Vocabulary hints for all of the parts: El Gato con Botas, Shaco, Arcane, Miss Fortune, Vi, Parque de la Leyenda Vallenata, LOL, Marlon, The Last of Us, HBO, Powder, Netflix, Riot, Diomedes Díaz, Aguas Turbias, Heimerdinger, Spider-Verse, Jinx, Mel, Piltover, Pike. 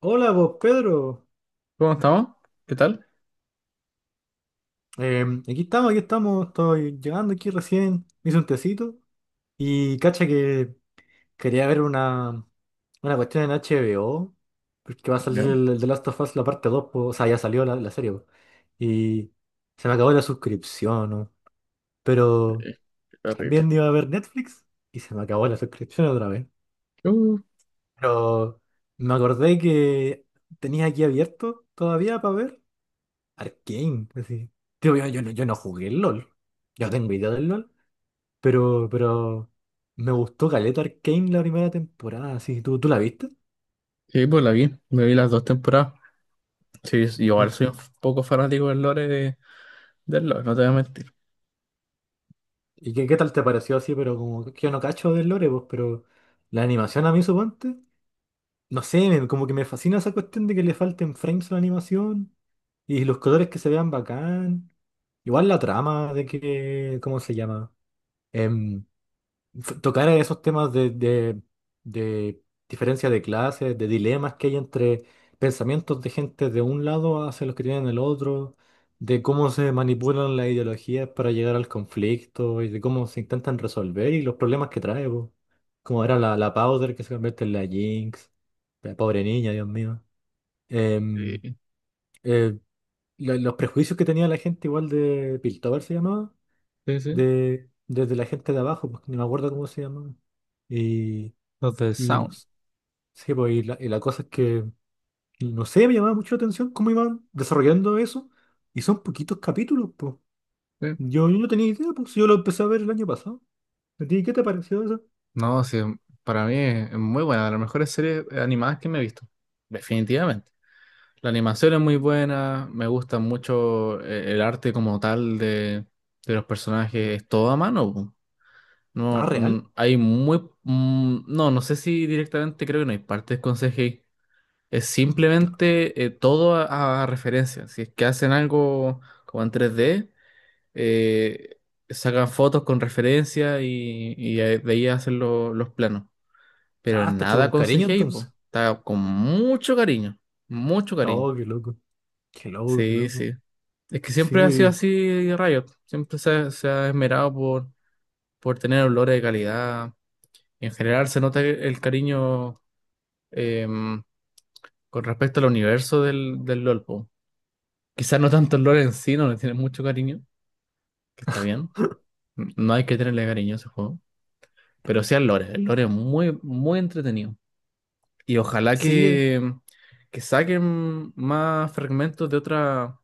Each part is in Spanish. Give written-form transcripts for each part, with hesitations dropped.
Hola, vos Pedro. ¿Cómo estamos? ¿Qué tal? Aquí estamos, aquí estamos. Estoy llegando aquí recién. Me hice un tecito. Y cacha que quería ver una cuestión en HBO. Porque va a salir Ya, el The Last of Us la parte 2, po. O sea, ya salió la serie, po. Y se me acabó la suscripción, ¿no? Pero eh, terrible. también iba a ver Netflix. Y se me acabó la suscripción otra vez. Uh, Pero me acordé que tenía aquí abierto todavía para ver Arcane, así. Tío, no, yo no jugué el LOL. Yo no tengo idea del LOL. Pero me gustó Caleta Arcane la primera temporada, así. ¿Tú la viste? sí, pues la vi, me vi las dos temporadas. Sí, yo igual ¿Y, soy un poco fanático del lore del lore, no te voy a mentir. y qué tal te pareció así? Pero como que yo no cacho del lore, pues, pero la animación a mí, suponte. No sé, como que me fascina esa cuestión de que le falten frames a la animación. Y los colores que se vean bacán. Igual la trama de que, ¿cómo se llama? Em, tocar esos temas de, de diferencia de clases, de dilemas que hay entre pensamientos de gente de un lado hacia los que tienen el otro, de cómo se manipulan las ideologías para llegar al conflicto y de cómo se intentan resolver y los problemas que trae, po. Como era la Powder que se convierte en la Jinx, la pobre niña, Dios mío. Em, Sí, eh, los prejuicios que tenía la gente igual de Piltover se llamaba sí, sí. Desde la gente de abajo, porque ni me acuerdo cómo se llamaba. Y, Los de no Sound. s- sí, pues, y la cosa es que, no sé, me llamaba mucho la atención cómo iban desarrollando eso. Y son poquitos capítulos, pues. Sí. Yo no tenía idea, pues yo lo empecé a ver el año pasado. ¿A ti qué te pareció eso? No, sí, para mí es muy buena, de las mejores series animadas que me he visto. Definitivamente. La animación es muy buena, me gusta mucho el arte como tal de los personajes, es todo a mano, po. Ah, No, real. mm, hay muy... mm, no, no sé si directamente, creo que no hay partes con CGI. Es simplemente todo a referencia. Si es que hacen algo como en 3D, eh, sacan fotos con referencia y, de ahí hacen los planos. Pero Ah, está hecho nada con con cariño CGI, po. entonces. Está con mucho cariño. Mucho cariño. Oh, qué loco. Qué loco, qué Sí, loco. sí. Es que Sí, siempre ha sido así Riot. Siempre se ha esmerado por tener olores de calidad. En general se nota el cariño, em, con respecto al universo del LOL, po. Quizás no tanto el LOL en sí, no le tiene mucho cariño, que está bien. No hay que tenerle cariño a ese juego. Pero sí al lore. El lore es muy, muy entretenido. Y ojalá sí. Que, que saquen más fragmentos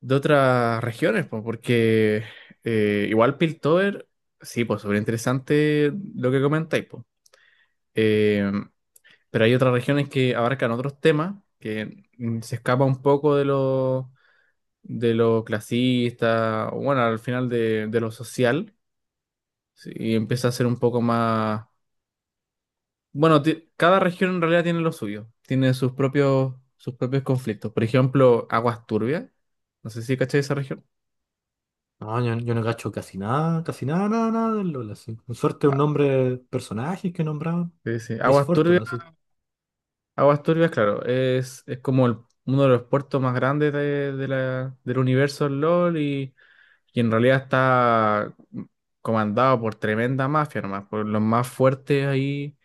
de otras regiones, po, porque igual Piltover, sí, pues súper interesante lo que comentáis, pues. Pero hay otras regiones que abarcan otros temas que mm, se escapa un poco de lo clasista, o bueno, al final de lo social, sí, y empieza a ser un poco más... Bueno, cada región en realidad tiene lo suyo, tiene sus propios conflictos. Por ejemplo, Aguas Turbias, no sé si cachai esa región. No, yo no cacho casi nada, nada, nada del LOL, así. Con suerte un Ah, nombre, personajes que nombraban. sí, sí. Miss Aguas Turbias, Fortune, así. Aguas Turbias, claro, es como uno de los puertos más grandes del universo LOL, y en realidad está comandado por tremenda mafia nomás, por los más fuertes ahí,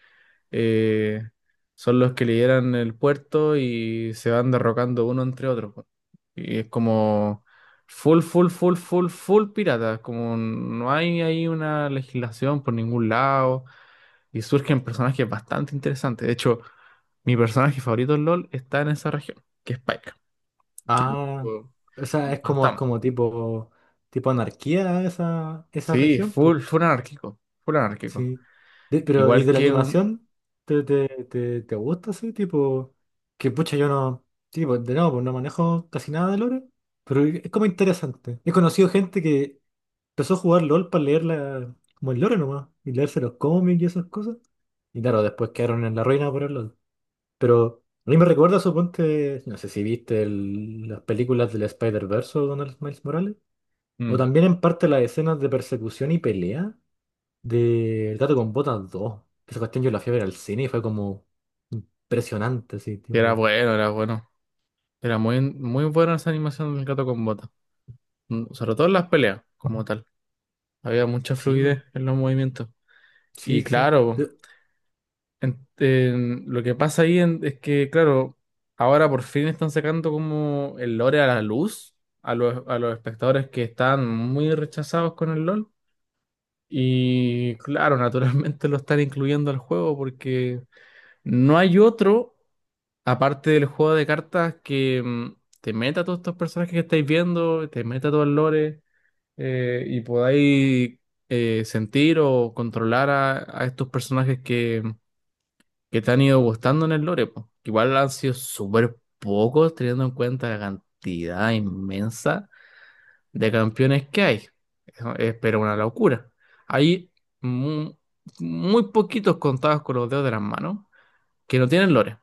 eh, son los que lideran el puerto y se van derrocando uno entre otro, po. Y es como full, full, full, full, full pirata, como no hay ahí una legislación por ningún lado, y surgen personajes bastante interesantes. De hecho, mi personaje favorito en LOL está en esa región, que es Pike, que es un Ah, tipo- o sea, es un como, es fantasma. como tipo, tipo anarquía esa, esa Sí, región, pues. full, full anárquico, full anárquico. Sí. Pero, ¿y Igual de la que un... animación? ¿Te gusta así? Tipo, que pucha, yo no, tipo, de nuevo, pues no manejo casi nada de lore, pero es como interesante. He conocido gente que empezó a jugar LOL para leer la, como el lore nomás, y leerse los cómics y esas cosas. Y claro, después quedaron en la ruina por el LOL. Pero a mí me recuerda, suponte, no sé si viste las películas del Spider-Verse o Donald Miles Morales, o mm, también en parte las escenas de persecución y pelea de El Gato con Botas dos. Esa cuestión yo la fui a ver al cine y fue como impresionante, así, que era tipo, bueno, era bueno. Era muy, muy buena esa animación del gato con bota. Mm, sobre todo en las peleas, como tal. Había mucha sí, po, fluidez en los movimientos. sí, Y sí. claro, lo que pasa ahí es que, claro, ahora por fin están sacando como el lore a la luz a los espectadores que están muy rechazados con el LOL. Y claro, naturalmente lo están incluyendo al juego, porque... No hay otro aparte del juego de cartas que mm, te meta todos estos personajes que estáis viendo, te meta todo el lore, y podáis sentir o controlar a estos personajes que te han ido gustando en el lore, po. Igual han sido súper pocos teniendo en cuenta la cantidad inmensa de campeones que hay. Eso es, pero una locura. Hay mu- muy poquitos, contados con los dedos de las manos, que no tienen lore.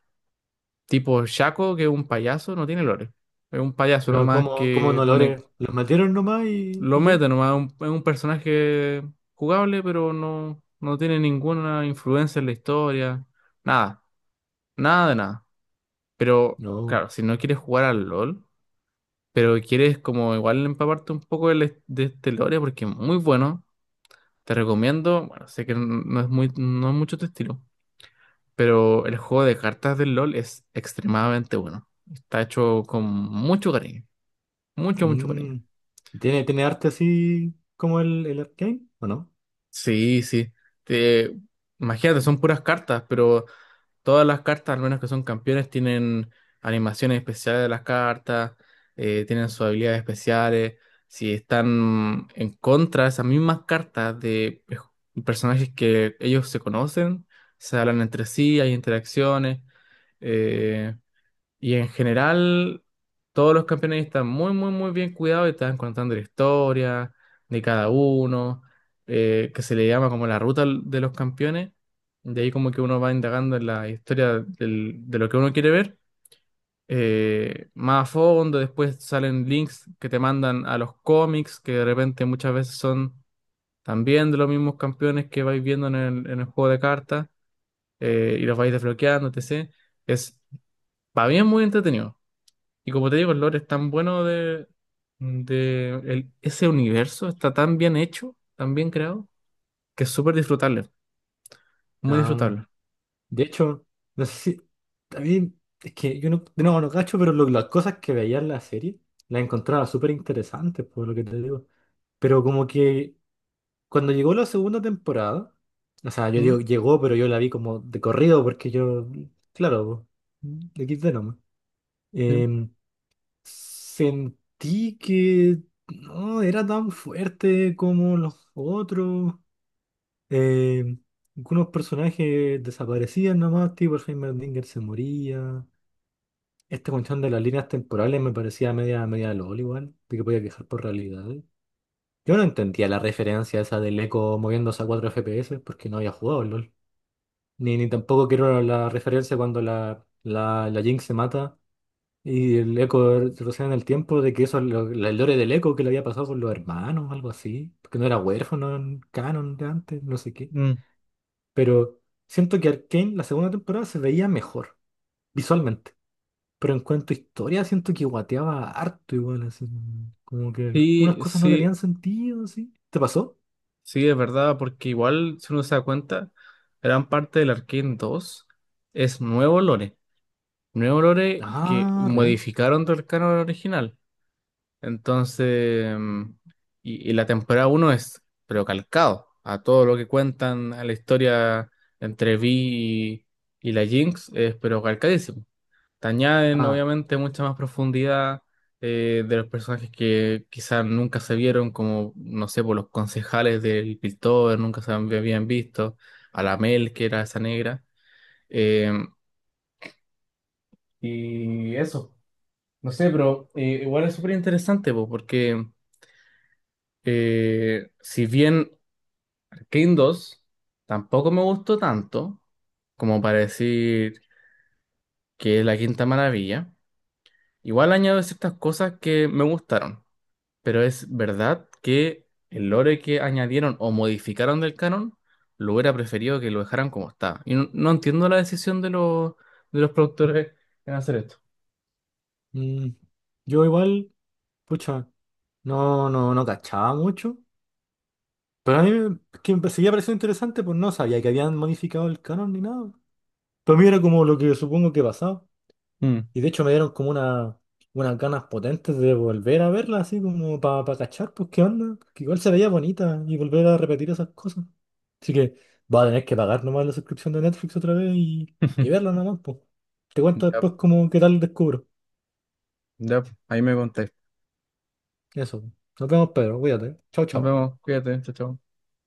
Tipo Shaco, que es un payaso, no tiene lore. Es un payaso Pero nomás como, como que no pone, lore, los metieron nomás lo ¿y qué? mete nomás, es un personaje jugable, pero no, no tiene ninguna influencia en la historia. Nada, nada de nada. Pero No. claro, si no quieres jugar al LOL, pero quieres como igual empaparte un poco este lore, porque es muy bueno, te recomiendo, bueno, sé que no es muy, no es mucho tu estilo, pero el juego de cartas del LOL es extremadamente bueno. Está hecho con mucho cariño. Mucho, mucho cariño. Mm. ¿Tiene arte así como el Arcane? ¿O no? Sí, sí. Te- imagínate, son puras cartas, pero todas las cartas, al menos que son campeones, tienen animaciones especiales de las cartas, tienen sus habilidades especiales. Si están en contra de esas mismas cartas de personajes que ellos se conocen, se hablan entre sí, hay interacciones. eh, Y en general, todos los campeones están muy, muy, muy bien cuidados, y están contando la historia de cada uno, que se le llama como la de los campeones. De ahí como que uno va indagando en la historia de lo que uno quiere ver, más a fondo. Después salen links que te mandan a los cómics, que de repente muchas veces son también de los mismos campeones que vais viendo en el juego de cartas, y los vais desbloqueando, etc. Es, para mí es muy entretenido. Y como te digo, el lore es tan bueno ese universo, está tan bien hecho, tan bien creado, que es súper disfrutable, muy ah disfrutable. De hecho, no sé si. También es que yo no, de no cacho, pero las cosas que veía en la serie las encontraba súper interesantes, por lo que te digo. Pero como que cuando llegó la segunda temporada, o sea, yo ¿Mm? digo llegó, pero yo la vi como de corrido, porque yo, claro, de XD nomás. ¿Sí? Em, sentí que no era tan fuerte como los otros. Eh, algunos personajes desaparecían nomás, tipo el Heimerdinger se moría. Esta cuestión de las líneas temporales me parecía media, media LOL igual, de que podía quejar por realidad. Yo no entendía la referencia esa del eco moviéndose a 4 FPS porque no había jugado al LOL. Ni tampoco quiero la referencia cuando la Jinx se mata y el eco retrocede en el tiempo de que eso, es el lore del eco que le había pasado con los hermanos, algo así. Porque no era huérfano en canon de antes, no sé qué. Mm, Pero siento que Arcane, la segunda temporada, se veía mejor visualmente. Pero en cuanto a historia, siento que guateaba harto igual, así. Como que unas sí, cosas no sí, tenían sentido, así. ¿Te pasó? sí, es verdad, porque igual, si uno se da cuenta, gran parte del Arcane 2, es nuevo lore que Ah, real. modificaron del canon original. Entonces, mm, y la temporada uno es pero calcado a todo lo que cuentan a la historia entre Vi y la Jinx, es pero calcadísimo. Te añaden, Ah, obviamente, mucha más profundidad, de los personajes que quizás nunca se vieron, como, no sé, por los concejales del Piltover, nunca habían visto, a la Mel, que era esa negra. eh, y eso, no sé, pero igual es súper interesante, po, porque. Si bien King 2 tampoco me gustó tanto como para decir que es la quinta maravilla, igual añado ciertas cosas que me gustaron, pero es verdad que el lore que añadieron o modificaron del canon, lo hubiera preferido que lo dejaran como está. Y no, no entiendo la decisión de los productores en hacer esto. mm, yo igual, pucha, no, no, no cachaba mucho. Pero a mí que me seguía pareciendo interesante, pues no sabía que habían modificado el canon ni nada. Para mí era como lo que supongo que pasaba. Mm. Y de hecho me dieron como unas ganas potentes de volver a verla, así como para cachar, pues qué onda, que igual se veía bonita y volver a repetir esas cosas. Así que va a tener que pagar nomás la suscripción de Netflix otra vez y verla nomás, pues. Te cuento Ya, después como qué tal descubro. ya, ahí me contáis. Eso. Nos vemos, Pedro. Cuídate. Chao, Nos chao. vemos, cuídate, chao, chao.